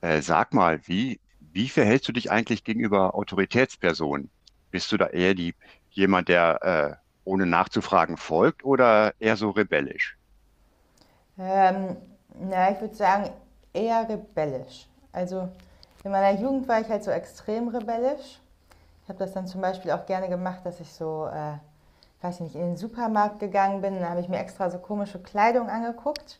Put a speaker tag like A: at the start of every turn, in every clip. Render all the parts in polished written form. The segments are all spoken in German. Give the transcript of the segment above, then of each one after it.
A: Sag mal, wie verhältst du dich eigentlich gegenüber Autoritätspersonen? Bist du da eher jemand, der ohne nachzufragen folgt oder eher so rebellisch?
B: Ähm, Ich würde sagen, eher rebellisch. Also in meiner Jugend war ich halt so extrem rebellisch. Ich habe das dann zum Beispiel auch gerne gemacht, dass ich so, weiß ich nicht, in den Supermarkt gegangen bin. Da habe ich mir extra so komische Kleidung angeguckt,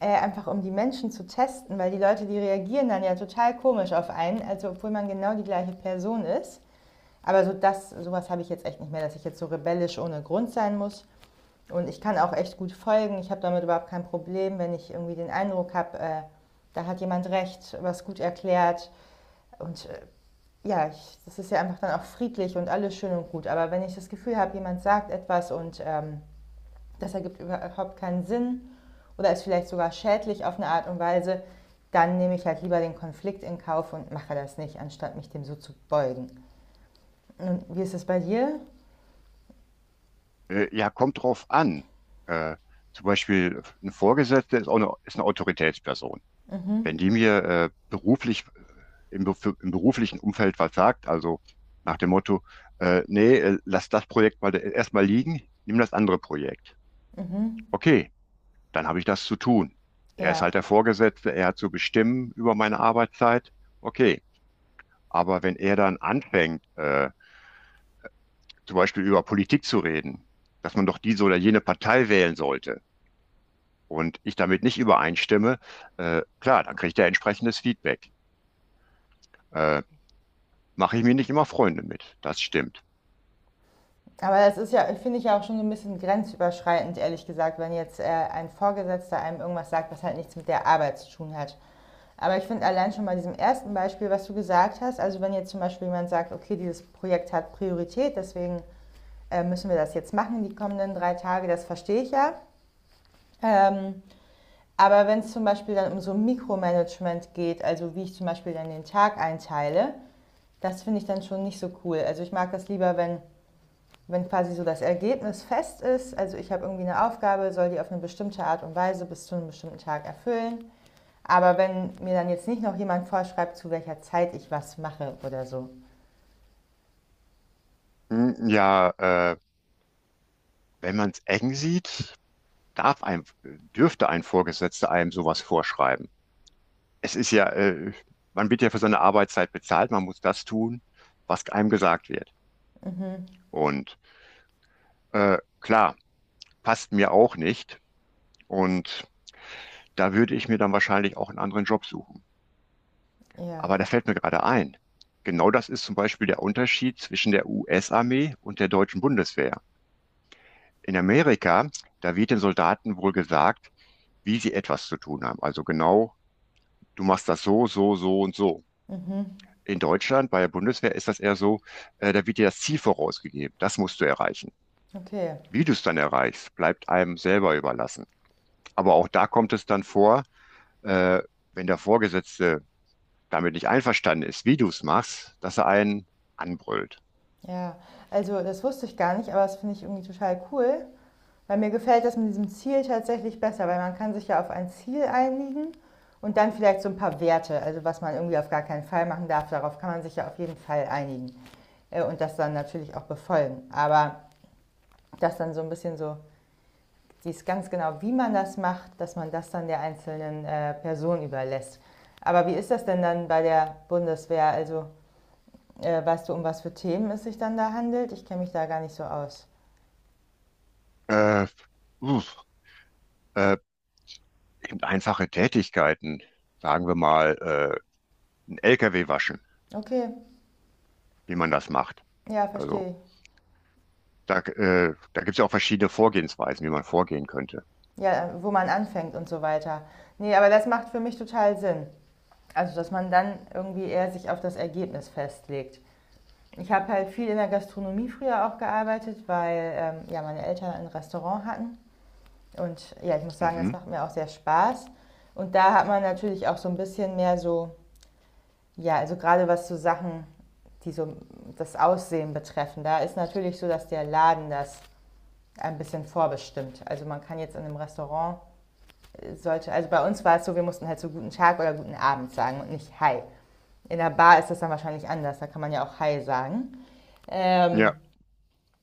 B: einfach um die Menschen zu testen, weil die Leute, die reagieren dann ja total komisch auf einen, also obwohl man genau die gleiche Person ist. Aber so das, sowas habe ich jetzt echt nicht mehr, dass ich jetzt so rebellisch ohne Grund sein muss. Und ich kann auch echt gut folgen. Ich habe damit überhaupt kein Problem, wenn ich irgendwie den Eindruck habe, da hat jemand recht, was gut erklärt. Und äh, ja, ich, das ist ja einfach dann auch friedlich und alles schön und gut. Aber wenn ich das Gefühl habe, jemand sagt etwas und das ergibt überhaupt keinen Sinn oder ist vielleicht sogar schädlich auf eine Art und Weise, dann nehme ich halt lieber den Konflikt in Kauf und mache das nicht, anstatt mich dem so zu beugen. Und wie ist es bei dir?
A: Ja, kommt drauf an. Äh, Zum Beispiel eine Vorgesetzte ist ist eine Autoritätsperson. Wenn die mir beruflich, im beruflichen Umfeld was sagt, also nach dem Motto, nee, lass das Projekt mal erstmal liegen, nimm das andere Projekt.
B: Mhm.
A: Okay, dann habe ich das zu tun. Er
B: Ja.
A: ist halt der Vorgesetzte, er hat zu bestimmen über meine Arbeitszeit. Okay, aber wenn er dann anfängt, zum Beispiel über Politik zu reden, dass man doch diese oder jene Partei wählen sollte und ich damit nicht übereinstimme, klar, dann kriegt er entsprechendes Feedback. Äh, Mache ich mir nicht immer Freunde mit, das stimmt.
B: Aber das ist ja, finde ich ja auch schon so ein bisschen grenzüberschreitend, ehrlich gesagt, wenn jetzt ein Vorgesetzter einem irgendwas sagt, was halt nichts mit der Arbeit zu tun hat. Aber ich finde allein schon bei diesem ersten Beispiel, was du gesagt hast, also wenn jetzt zum Beispiel jemand sagt, okay, dieses Projekt hat Priorität, deswegen müssen wir das jetzt machen, die kommenden 3 Tage, das verstehe ich ja. Ähm, aber wenn es zum Beispiel dann um so Mikromanagement geht, also wie ich zum Beispiel dann den Tag einteile, das finde ich dann schon nicht so cool. Also ich mag das lieber, wenn quasi so das Ergebnis fest ist, also ich habe irgendwie eine Aufgabe, soll die auf eine bestimmte Art und Weise bis zu einem bestimmten Tag erfüllen. Aber wenn mir dann jetzt nicht noch jemand vorschreibt, zu welcher Zeit ich was mache oder so.
A: Hm, ja, äh, wenn man es eng sieht, darf ein, dürfte ein Vorgesetzter einem sowas vorschreiben. Es ist ja, man wird ja für seine Arbeitszeit bezahlt, man muss das tun, was einem gesagt wird.
B: Mhm,
A: Und klar, passt mir auch nicht. Und da würde ich mir dann wahrscheinlich auch einen anderen Job suchen.
B: ja.
A: Aber da fällt mir gerade ein. Genau das ist zum Beispiel der Unterschied zwischen der US-Armee und der deutschen Bundeswehr. In Amerika, da wird den Soldaten wohl gesagt, wie sie etwas zu tun haben. Also genau, du machst das so, so, so und so.
B: Mhm,
A: In Deutschland bei der Bundeswehr ist das eher so, da wird dir das Ziel vorausgegeben. Das musst du erreichen.
B: okay.
A: Wie du es dann erreichst, bleibt einem selber überlassen. Aber auch da kommt es dann vor, äh, wenn der Vorgesetzte damit nicht einverstanden ist, wie du es machst, dass er einen anbrüllt.
B: Ja. Also das wusste ich gar nicht, aber das finde ich irgendwie total cool. Weil mir gefällt das mit diesem Ziel tatsächlich besser, weil man kann sich ja auf ein Ziel einigen und dann vielleicht so ein paar Werte, also was man irgendwie auf gar keinen Fall machen darf, darauf kann man sich ja auf jeden Fall einigen und das dann natürlich auch befolgen. Aber das dann so ein bisschen so, dies ganz genau, wie man das macht, dass man das dann der einzelnen Person überlässt. Aber wie ist das denn dann bei der Bundeswehr? Also weißt du, um was für Themen es sich dann da handelt? Ich kenne mich da gar nicht so aus.
A: Äh, Uff, äh, eben einfache Tätigkeiten, sagen wir mal, ein LKW waschen,
B: Okay,
A: wie man das macht.
B: ja, verstehe
A: Also
B: ich.
A: da gibt es ja auch verschiedene Vorgehensweisen, wie man vorgehen könnte.
B: Ja, wo man anfängt und so weiter. Nee, aber das macht für mich total Sinn. Also, dass man dann irgendwie eher sich auf das Ergebnis festlegt. Ich habe halt viel in der Gastronomie früher auch gearbeitet, weil ja, meine Eltern ein Restaurant hatten. Und ja, ich muss sagen, das
A: Mhm.
B: macht mir auch sehr Spaß. Und da hat man natürlich auch so ein bisschen mehr so, ja, also gerade was so Sachen, die so das Aussehen betreffen, da ist natürlich so, dass der Laden das ein bisschen vorbestimmt. Also man kann jetzt in einem Restaurant sollte, also bei uns war es so, wir mussten halt so guten Tag oder guten Abend sagen und nicht Hi. In der Bar ist das dann wahrscheinlich anders, da kann man ja auch Hi sagen. Ähm,
A: Ja.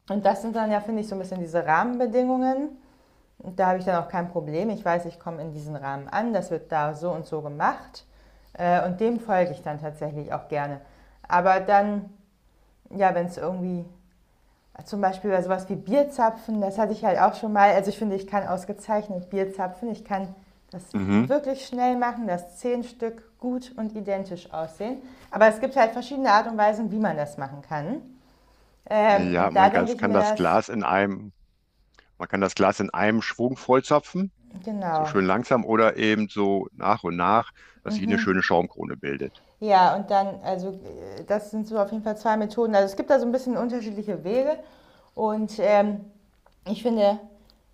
B: und das sind dann ja, finde ich, so ein bisschen diese Rahmenbedingungen. Und da habe ich dann auch kein Problem. Ich weiß, ich komme in diesen Rahmen an, das wird da so und so gemacht. Und dem folge ich dann tatsächlich auch gerne. Aber dann, ja, wenn es irgendwie zum Beispiel bei sowas wie Bierzapfen, das hatte ich halt auch schon mal. Also ich finde, ich kann ausgezeichnet Bierzapfen. Ich kann das
A: Mhm.
B: wirklich schnell machen, dass 10 Stück gut und identisch aussehen. Aber es gibt halt verschiedene Art und Weisen, wie man das machen kann.
A: Ja,
B: Und da
A: man kann,
B: denke ich
A: kann
B: mir
A: das
B: das,
A: Man kann das Glas in einem Schwung vollzapfen, so
B: genau.
A: schön langsam oder eben so nach und nach, dass sich eine schöne Schaumkrone bildet.
B: Ja, und dann, also das sind so auf jeden Fall zwei Methoden. Also es gibt da so ein bisschen unterschiedliche Wege. Und ähm, Ich finde,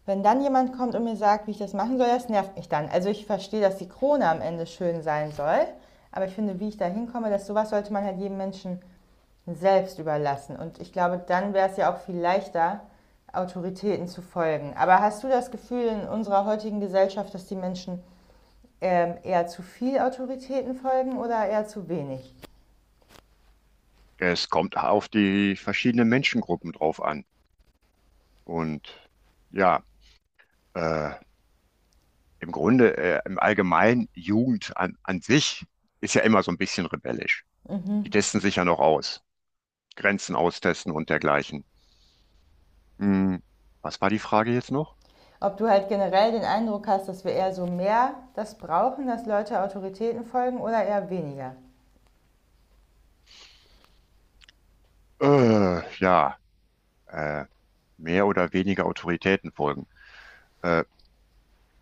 B: wenn dann jemand kommt und mir sagt, wie ich das machen soll, das nervt mich dann. Also ich verstehe, dass die Krone am Ende schön sein soll, aber ich finde, wie ich da hinkomme, dass sowas sollte man halt jedem Menschen selbst überlassen. Und ich glaube, dann wäre es ja auch viel leichter, Autoritäten zu folgen. Aber hast du das Gefühl in unserer heutigen Gesellschaft, dass die Menschen eher zu viel Autoritäten folgen oder eher zu wenig?
A: Es kommt auf die verschiedenen Menschengruppen drauf an. Und ja, äh, im Grunde, im Allgemeinen, an sich ist ja immer so ein bisschen rebellisch. Die testen sich ja noch aus, Grenzen austesten und dergleichen. Hm, was war die Frage jetzt noch?
B: Ob du halt generell den Eindruck hast, dass wir eher so mehr das brauchen, dass Leute Autoritäten folgen oder eher weniger?
A: Ja, äh, mehr oder weniger Autoritäten folgen. Äh,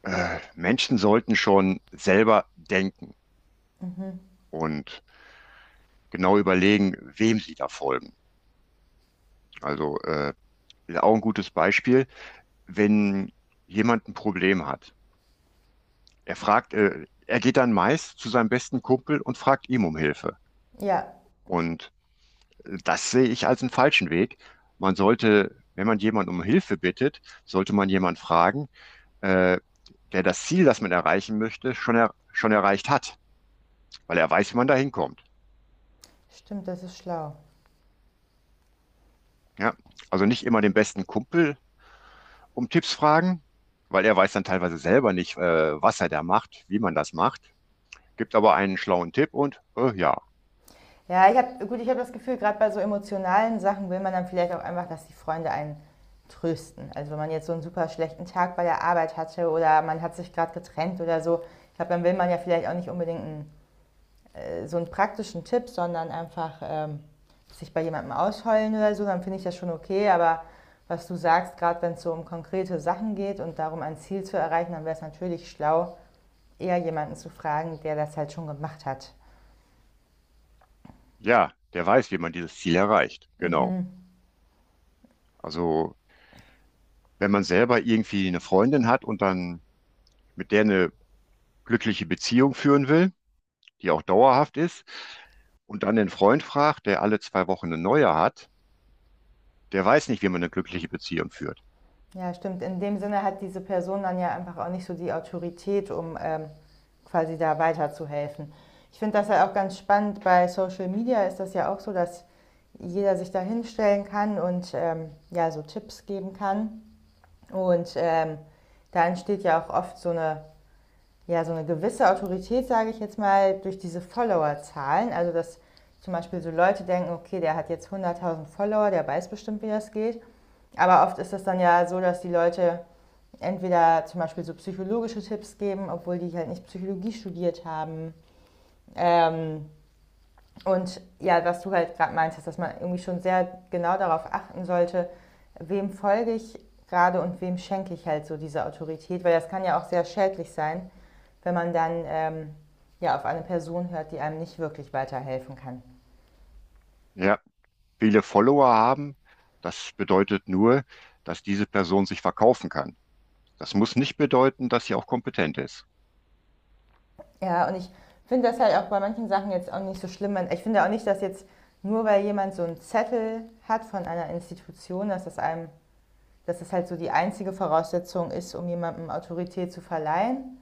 A: Menschen sollten schon selber denken und genau überlegen, wem sie da folgen. Also ist auch ein gutes Beispiel, wenn jemand ein Problem hat. Er geht dann meist zu seinem besten Kumpel und fragt ihm um Hilfe.
B: Ja,
A: Und das sehe ich als einen falschen Weg. Man sollte, wenn man jemanden um Hilfe bittet, sollte man jemanden fragen, äh, der das Ziel, das man erreichen möchte, er schon erreicht hat. Weil er weiß, wie man da hinkommt.
B: stimmt, das ist schlau.
A: Ja? Also nicht immer den besten Kumpel um Tipps fragen, weil er weiß dann teilweise selber nicht, was er da macht, wie man das macht. Gibt aber einen schlauen Tipp und ja,
B: Ja, ich habe, gut, ich habe das Gefühl, gerade bei so emotionalen Sachen will man dann vielleicht auch einfach, dass die Freunde einen trösten. Also wenn man jetzt so einen super schlechten Tag bei der Arbeit hatte oder man hat sich gerade getrennt oder so, ich glaube, dann will man ja vielleicht auch nicht unbedingt einen, so einen praktischen Tipp, sondern einfach sich bei jemandem ausheulen oder so, dann finde ich das schon okay. Aber was du sagst, gerade wenn es so um konkrete Sachen geht und darum, ein Ziel zu erreichen, dann wäre es natürlich schlau, eher jemanden zu fragen, der das halt schon gemacht hat.
A: ja, der weiß, wie man dieses Ziel erreicht. Genau.
B: Mhm.
A: Also wenn man selber irgendwie eine Freundin hat und dann mit der eine glückliche Beziehung führen will, die auch dauerhaft ist, und dann den Freund fragt, der alle zwei Wochen eine neue hat, der weiß nicht, wie man eine glückliche Beziehung führt.
B: Ja, stimmt. In dem Sinne hat diese Person dann ja einfach auch nicht so die Autorität, um quasi da weiterzuhelfen. Ich finde das ja auch ganz spannend. Bei Social Media ist das ja auch so, dass jeder sich da hinstellen kann und ja, so Tipps geben kann. Und ähm, Da entsteht ja auch oft so eine, ja, so eine gewisse Autorität, sage ich jetzt mal, durch diese Followerzahlen. Also, dass zum Beispiel so Leute denken, okay, der hat jetzt 100.000 Follower, der weiß bestimmt, wie das geht. Aber oft ist das dann ja so, dass die Leute entweder zum Beispiel so psychologische Tipps geben, obwohl die halt nicht Psychologie studiert haben. Ähm, und ja, was du halt gerade meinst, dass man irgendwie schon sehr genau darauf achten sollte, wem folge ich gerade und wem schenke ich halt so diese Autorität, weil das kann ja auch sehr schädlich sein, wenn man dann ja auf eine Person hört, die einem nicht wirklich weiterhelfen kann.
A: Ja, viele Follower haben, das bedeutet nur, dass diese Person sich verkaufen kann. Das muss nicht bedeuten, dass sie auch kompetent ist.
B: Ja, und ich finde das halt auch bei manchen Sachen jetzt auch nicht so schlimm. Ich finde auch nicht, dass jetzt nur weil jemand so einen Zettel hat von einer Institution, dass das halt so die einzige Voraussetzung ist, um jemandem Autorität zu verleihen,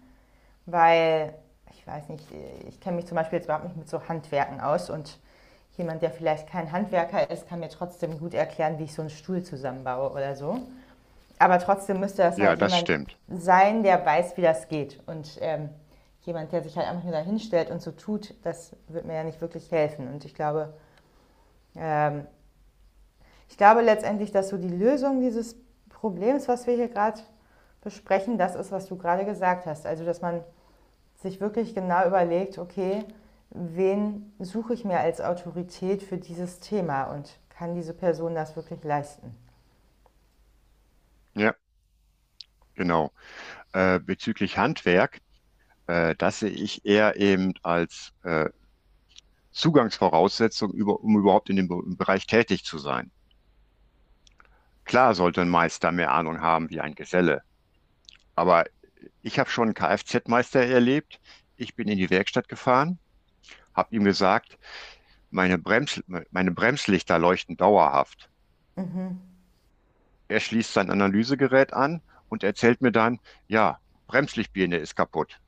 B: weil ich weiß nicht, ich kenne mich zum Beispiel jetzt überhaupt nicht mit so Handwerken aus und jemand, der vielleicht kein Handwerker ist, kann mir trotzdem gut erklären, wie ich so einen Stuhl zusammenbaue oder so. Aber trotzdem müsste das
A: Ja,
B: halt
A: das
B: jemand
A: stimmt.
B: sein, der weiß, wie das geht. Jemand, der sich halt einfach nur da hinstellt und so tut, das wird mir ja nicht wirklich helfen. Und ähm, ich glaube letztendlich, dass so die Lösung dieses Problems, was wir hier gerade besprechen, das ist, was du gerade gesagt hast. Also, dass man sich wirklich genau überlegt, okay, wen suche ich mir als Autorität für dieses Thema und kann diese Person das wirklich leisten?
A: Ja, genau. Bezüglich Handwerk, das sehe ich eher eben als Zugangsvoraussetzung, um überhaupt in dem im Bereich tätig zu sein. Klar sollte ein Meister mehr Ahnung haben wie ein Geselle, aber ich habe schon einen Kfz-Meister erlebt. Ich bin in die Werkstatt gefahren, habe ihm gesagt, meine Brems, meine Bremslichter leuchten dauerhaft. Er schließt sein Analysegerät an und erzählt mir dann, ja, Bremslichtbirne ist kaputt.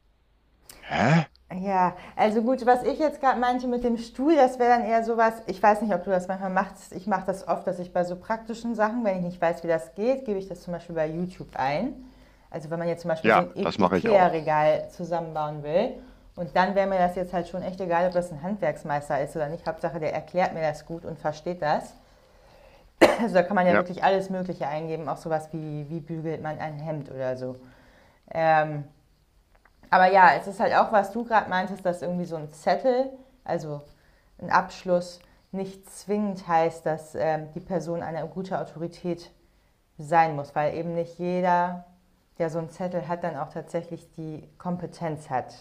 A: Hä?
B: Ja, also gut, was ich jetzt gerade meinte mit dem Stuhl, das wäre dann eher sowas, ich weiß nicht, ob du das manchmal machst, ich mache das oft, dass ich bei so praktischen Sachen, wenn ich nicht weiß, wie das geht, gebe ich das zum Beispiel bei YouTube ein. Also wenn man jetzt zum Beispiel so
A: Ja,
B: ein
A: das mache ich auch.
B: Ikea-Regal zusammenbauen will und dann wäre mir das jetzt halt schon echt egal, ob das ein Handwerksmeister ist oder nicht. Hauptsache, der erklärt mir das gut und versteht das. Also da kann man ja
A: Ja.
B: wirklich alles Mögliche eingeben, auch sowas wie, wie bügelt man ein Hemd oder so. Ähm, aber ja, es ist halt auch, was du gerade meintest, dass irgendwie so ein Zettel, also ein Abschluss, nicht zwingend heißt, dass die Person eine gute Autorität sein muss, weil eben nicht jeder, der so einen Zettel hat, dann auch tatsächlich die Kompetenz hat,